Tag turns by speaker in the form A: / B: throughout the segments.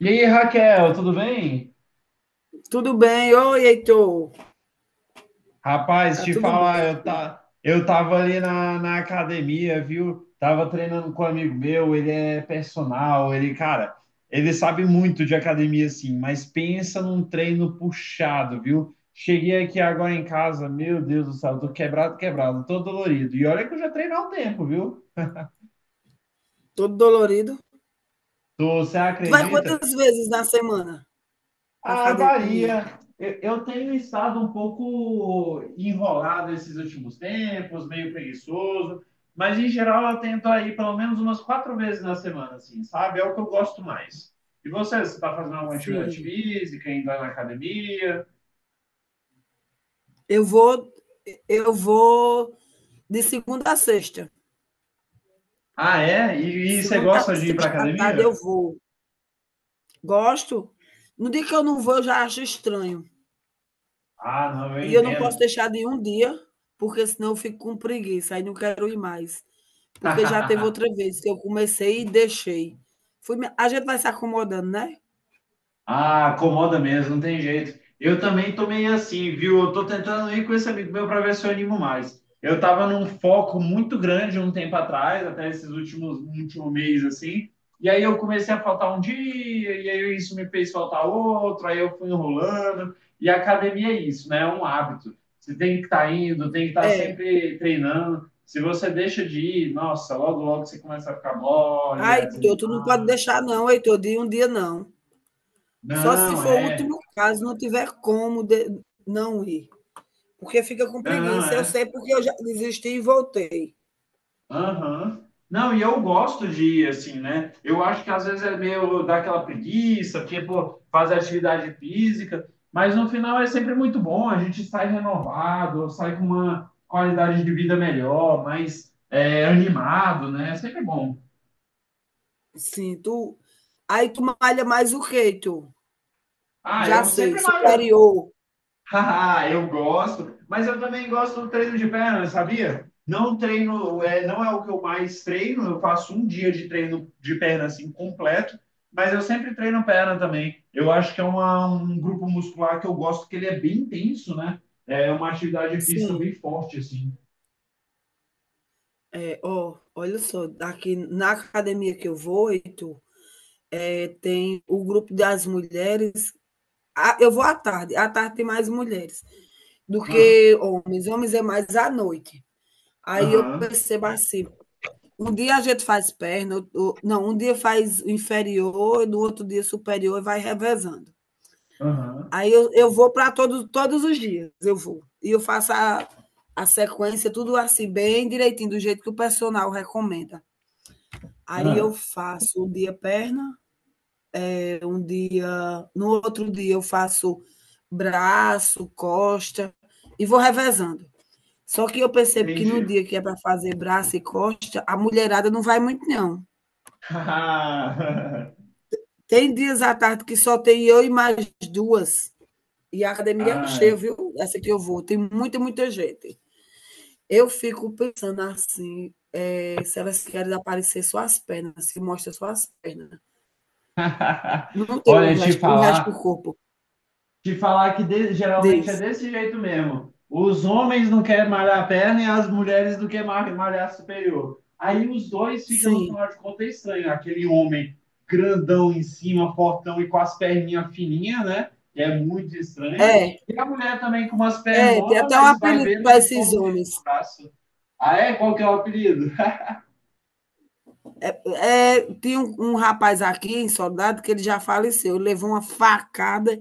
A: E aí, Raquel, tudo bem?
B: Tudo bem? Oi, Heitor.
A: Rapaz,
B: Tá
A: te
B: tudo
A: falar,
B: bem,
A: eu,
B: filho.
A: tá, eu tava ali na academia, viu? Tava treinando com um amigo meu, ele é personal, ele, cara, ele sabe muito de academia, assim, mas pensa num treino puxado, viu? Cheguei aqui agora em casa, meu Deus do céu, tô quebrado, tô dolorido. E olha que eu já treino há um tempo, viu?
B: Todo dolorido.
A: Você
B: Tu vai
A: acredita?
B: quantas vezes na semana pra
A: Ah,
B: academia?
A: varia. Eu tenho estado um pouco enrolado esses últimos tempos, meio preguiçoso, mas em geral eu tento aí pelo menos umas 4 vezes na semana, assim, sabe? É o que eu gosto mais. E você está fazendo alguma atividade
B: Sim.
A: física, indo lá na academia?
B: Eu vou, eu vou de segunda a sexta.
A: Ah, é? E você
B: Segunda
A: gosta
B: a
A: de ir para
B: sexta à tarde eu
A: academia?
B: vou. Gosto. No dia que eu não vou, eu já acho estranho.
A: Ah, não, eu
B: E eu não posso
A: entendo.
B: deixar de ir um dia, porque senão eu fico com preguiça, aí não quero ir mais. Porque já teve outra vez que eu comecei e deixei. A gente vai se acomodando, né?
A: Ah, acomoda mesmo, não tem jeito. Eu também tô meio assim, viu? Eu tô tentando ir com esse amigo meu para ver se eu animo mais. Eu tava num foco muito grande um tempo atrás, até esses últimos último mês assim. E aí eu comecei a faltar um dia, e aí isso me fez faltar outro, aí eu fui enrolando. E a academia é isso, né? É um hábito. Você tem que estar indo, tem que estar
B: É.
A: sempre treinando. Se você deixa de ir, nossa, logo logo você começa a ficar mole,
B: Ah,
A: a
B: Heitor, tu não
A: desanimar.
B: pode deixar, não, Heitor, de um dia não. Só se
A: Não,
B: for o
A: é.
B: último caso, não tiver como não ir. Porque fica com
A: Não,
B: preguiça. Eu
A: é.
B: sei porque eu já desisti e voltei.
A: Aham. Não, e eu gosto de ir assim, né? Eu acho que às vezes é meio daquela preguiça, porque, pô, fazer atividade física, mas no final é sempre muito bom, a gente sai renovado, sai com uma qualidade de vida melhor, mais é, animado, né? É sempre bom.
B: Sim, tu. Aí tu malha mais o que, Heitor?
A: Ah,
B: Já
A: eu
B: sei,
A: sempre malho.
B: superior.
A: Haha, eu gosto, mas eu também gosto do treino de perna, sabia? Não treino, é, não é o que eu mais treino, eu faço um dia de treino de perna assim completo, mas eu sempre treino perna também. Eu acho que é um grupo muscular que eu gosto, que ele é bem intenso, né? É uma atividade física
B: Sim.
A: bem forte, assim.
B: É, ó, olha só, aqui na academia que eu vou, Heitor, é, tem o grupo das mulheres. Ah, eu vou à tarde tem mais mulheres do
A: Mano,
B: que homens. Homens é mais à noite. Aí eu
A: aham,
B: percebo assim, um dia a gente faz perna, não, um dia faz inferior, no outro dia superior e vai revezando.
A: aham,
B: Aí eu vou para todos os dias, eu vou. E eu faço a sequência, tudo assim, bem direitinho, do jeito que o personal recomenda. Aí eu
A: aham.
B: faço um dia perna, um dia. No outro dia eu faço braço, costa, e vou revezando. Só que eu percebo que no
A: Entendi.
B: dia que é para fazer braço e costa, a mulherada não vai muito, não. Tem dias à tarde que só tem eu e mais duas. E a academia é cheia,
A: Ai.
B: viu? Essa que eu vou. Tem muita, muita gente. Eu fico pensando assim, é, se elas querem aparecer só as pernas, se mostra só as pernas. Não tem
A: Olha, te
B: o resto do
A: falar.
B: corpo.
A: De falar que de- Geralmente é
B: Diz.
A: desse jeito mesmo. Os homens não querem malhar a perna e as mulheres não querem malhar a superior. Aí os dois ficam, no
B: Sim.
A: final de contas, estranho. Aquele homem grandão em cima, fortão e com as perninhas fininhas, né? Que é muito estranho.
B: É,
A: E a mulher também com umas
B: é, tem
A: pernonas,
B: até um
A: mas vai
B: apelido
A: ver, não
B: para
A: tem
B: esses
A: força
B: homens.
A: nenhuma no braço. Ah, é? Qual que é o apelido?
B: É, tem um rapaz aqui em Soldado que ele já faleceu, ele levou uma facada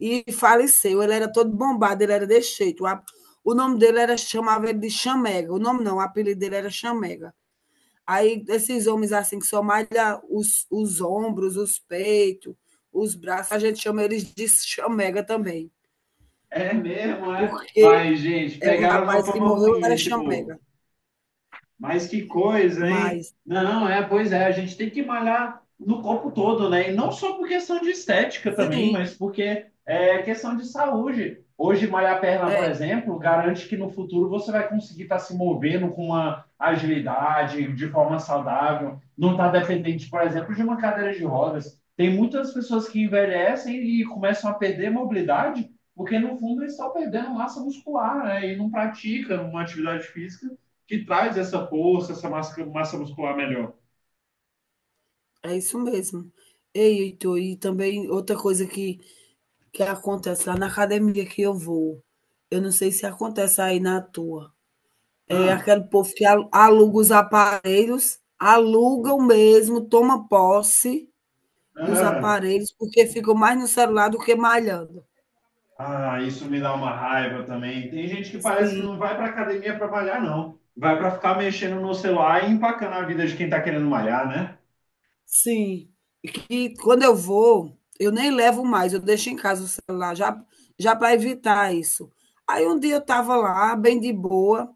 B: e faleceu. Ele era todo bombado, ele era desse jeito. O nome dele era, chamava ele de Chamega. O nome não, o apelido dele era Chamega. Aí esses homens assim que só malha os ombros, os peitos, os braços, a gente chama eles de Chamega também.
A: É mesmo, é?
B: Porque
A: Mas, gente,
B: é o
A: pegaram uma
B: rapaz que
A: fama
B: morreu
A: ruim
B: era
A: esse
B: Chamega.
A: povo. Mas que coisa, hein?
B: Mas,
A: Não, é, pois é, a gente tem que malhar no corpo todo, né? E não só por questão de estética também,
B: sim,
A: mas porque é questão de saúde. Hoje, malhar a perna, por
B: é,
A: exemplo, garante que no futuro você vai conseguir estar se movendo com uma agilidade, de forma saudável, não está dependente, por exemplo, de uma cadeira de rodas. Tem muitas pessoas que envelhecem e começam a perder mobilidade, porque no fundo eles estão perdendo massa muscular, né? E não praticam uma atividade física que traz essa força, essa massa muscular melhor.
B: é isso mesmo. Ei, Heitor, e também outra coisa que acontece lá na academia que eu vou. Eu não sei se acontece aí na tua. É
A: Ah,
B: aquele povo que aluga os aparelhos, alugam mesmo, toma posse dos
A: ah,
B: aparelhos, porque ficam mais no celular do que malhando.
A: ah, isso me dá uma raiva também. Tem gente que parece que
B: Sim,
A: não vai para academia para malhar, não. Vai para ficar mexendo no celular e empacando a vida de quem está querendo malhar, né?
B: sim. E que quando eu vou, eu nem levo mais, eu deixo em casa o celular, já, já para evitar isso. Aí um dia eu estava lá, bem de boa,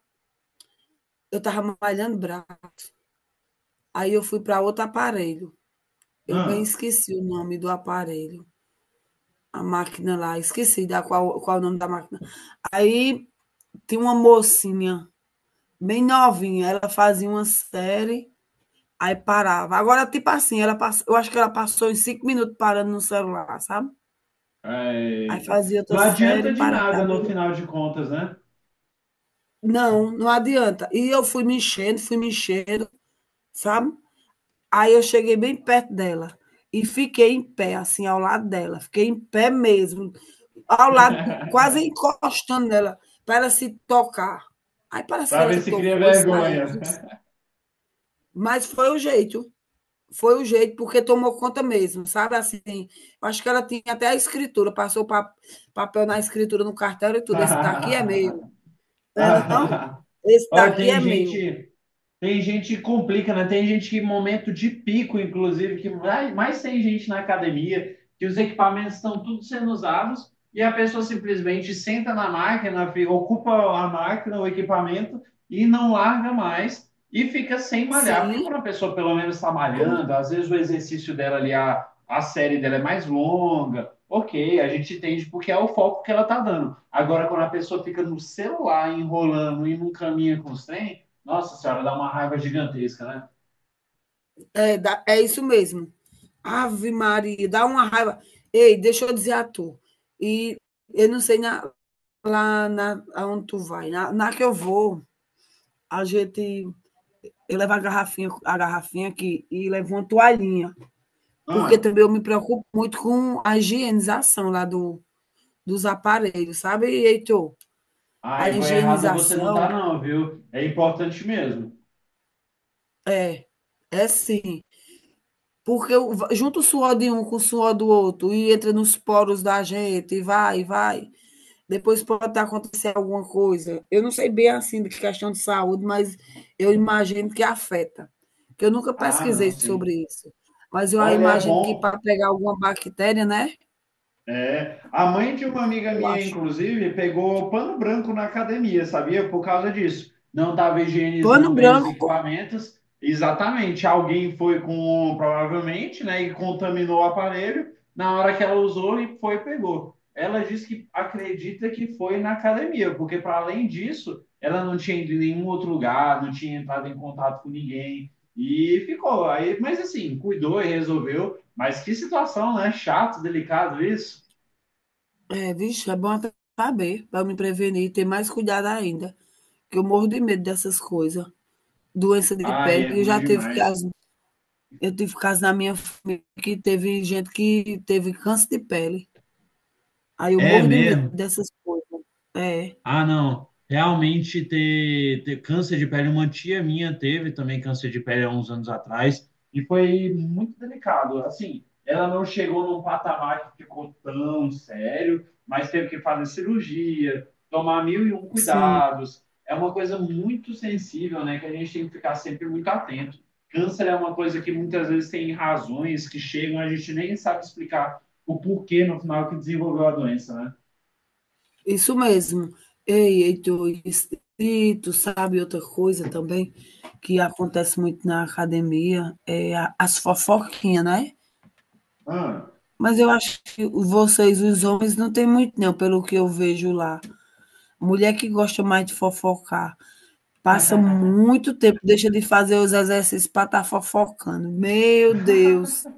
B: eu estava malhando braço. Aí eu fui para outro aparelho. Eu bem esqueci o nome do aparelho, a máquina lá, esqueci da qual o nome da máquina. Aí tinha uma mocinha, bem novinha, ela fazia uma série, aí parava. Agora, tipo assim, ela passa, eu acho que ela passou em 5 minutos parando no celular, sabe?
A: Ah,
B: Aí
A: eita.
B: fazia
A: Não
B: outra
A: adianta
B: série,
A: de
B: parava.
A: nada no
B: E
A: final de contas, né?
B: não, não adianta. E eu fui me enchendo, sabe? Aí eu cheguei bem perto dela e fiquei em pé, assim, ao lado dela. Fiquei em pé mesmo, ao lado, quase encostando nela, para ela se tocar. Aí parece que
A: Para
B: ela
A: ver
B: se
A: se cria
B: tocou e saiu.
A: vergonha.
B: Mas foi o jeito. Foi o jeito, porque tomou conta mesmo, sabe? Assim, acho que ela tinha até a escritura, passou pa papel na escritura no cartão e tudo. Esse daqui é meu. Não é não? Esse
A: Olha,
B: daqui
A: tem
B: é meu.
A: gente Tem gente que complica, né? Tem gente que, em momento de pico, inclusive, mais tem gente na academia, que os equipamentos estão tudo sendo usados, e a pessoa simplesmente senta na máquina, ocupa a máquina, o equipamento, e não larga mais, e fica sem malhar. Porque
B: Sim,
A: quando a pessoa, pelo menos, está
B: como
A: malhando, às vezes o exercício dela ali, a série dela é mais longa, ok, a gente entende porque é o foco que ela está dando. Agora, quando a pessoa fica no celular, enrolando e não caminha com os trem, nossa senhora, dá uma raiva gigantesca, né?
B: é, dá- é isso mesmo. Ave Maria, dá uma raiva. Ei, deixa eu dizer a tu. E eu não sei na, lá na aonde tu vai, na que eu vou, a gente eu levo a garrafinha aqui e levo uma toalhinha, porque
A: Ah,
B: também eu me preocupo muito com a higienização lá do, dos aparelhos, sabe, Heitor? A
A: aí vou errada você não tá,
B: higienização
A: não, viu? É importante mesmo.
B: é, é sim, porque junto o suor de um com o suor do outro e entra nos poros da gente e vai, vai. Depois pode estar acontecendo alguma coisa. Eu não sei bem assim de questão de saúde, mas eu imagino que afeta. Porque eu nunca
A: Ah, não,
B: pesquisei
A: sim.
B: sobre isso. Mas eu
A: Olha, é
B: imagino que para
A: bom.
B: pegar alguma bactéria, né?
A: É, a mãe de uma amiga
B: Eu
A: minha,
B: acho.
A: inclusive, pegou pano branco na academia, sabia? Por causa disso. Não estava
B: Pano
A: higienizando bem os
B: branco,
A: equipamentos. Exatamente. Alguém foi com, provavelmente, né, e contaminou o aparelho. Na hora que ela usou, e foi e pegou. Ela disse que acredita que foi na academia, porque para além disso, ela não tinha ido em nenhum outro lugar, não tinha entrado em contato com ninguém e ficou. Aí, mas assim, cuidou e resolveu. Mas que situação, né? Chato, delicado isso.
B: é, vixe, é bom até saber, para me prevenir e ter mais cuidado ainda. Que eu morro de medo dessas coisas. Doença de
A: Ai,
B: pele,
A: é
B: eu
A: ruim
B: já tive
A: demais.
B: caso, eu tive caso na minha família que teve gente que teve câncer de pele. Aí eu
A: É
B: morro de medo
A: mesmo.
B: dessas coisas. É.
A: Ah, não. Realmente ter câncer de pele, uma tia minha teve também câncer de pele há uns anos atrás e foi muito delicado. Assim, ela não chegou num patamar que ficou tão sério, mas teve que fazer cirurgia, tomar mil e um
B: Sim,
A: cuidados. É uma coisa muito sensível, né, que a gente tem que ficar sempre muito atento. Câncer é uma coisa que muitas vezes tem razões que chegam, a gente nem sabe explicar o porquê no final que desenvolveu a doença, né?
B: isso mesmo. Ei, Heitor, e tu sabe outra coisa também que acontece muito na academia, é as fofoquinhas, né?
A: Ah.
B: Mas eu acho que vocês, os homens, não tem muito não, pelo que eu vejo lá. Mulher que gosta mais de fofocar, passa muito tempo, deixa de fazer os exercícios para estar fofocando. Meu Deus,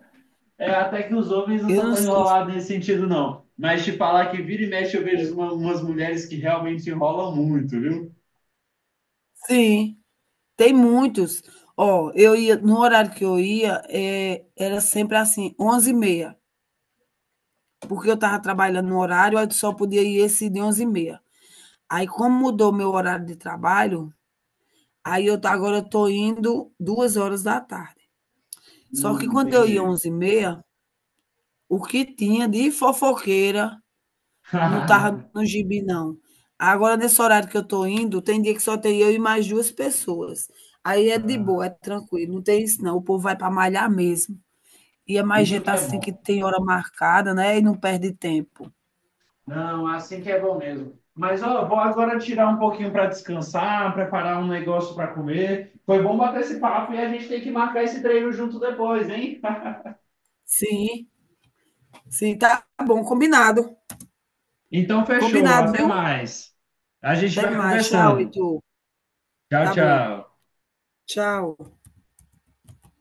A: É, até que os homens não
B: eu
A: são
B: não
A: tão
B: sei se
A: enrolados nesse sentido, não. Mas te falar que vira e mexe eu vejo
B: foi.
A: umas mulheres que realmente enrolam muito, viu?
B: Sim. Tem muitos. Ó, eu ia, no horário que eu ia, era sempre assim, 11h30, porque eu estava trabalhando no horário, aí só podia ir esse de 11h30. Aí como mudou meu horário de trabalho, aí eu tá agora eu estou indo 14h. Só que quando eu ia
A: Entendi.
B: 11h30, o que tinha de fofoqueira não estava no gibi não. Agora nesse horário que eu tô indo, tem dia que só tem eu e mais 2 pessoas. Aí é de boa, é
A: Ah,
B: tranquilo, não tem isso não, o povo vai para malhar mesmo. E é mais
A: isso
B: gente tá
A: que é
B: assim que
A: bom.
B: tem hora marcada, né, e não perde tempo.
A: Não, assim que é bom mesmo. Mas ó, vou agora tirar um pouquinho para descansar, preparar um negócio para comer. Foi bom bater esse papo e a gente tem que marcar esse treino junto depois, hein?
B: Sim, sim, tá bom, combinado.
A: Então fechou,
B: Combinado,
A: até
B: viu?
A: mais. A gente
B: Até
A: vai
B: mais. Tchau,
A: conversando.
B: Heitor.
A: Tchau,
B: Tá bom.
A: tchau.
B: Tchau.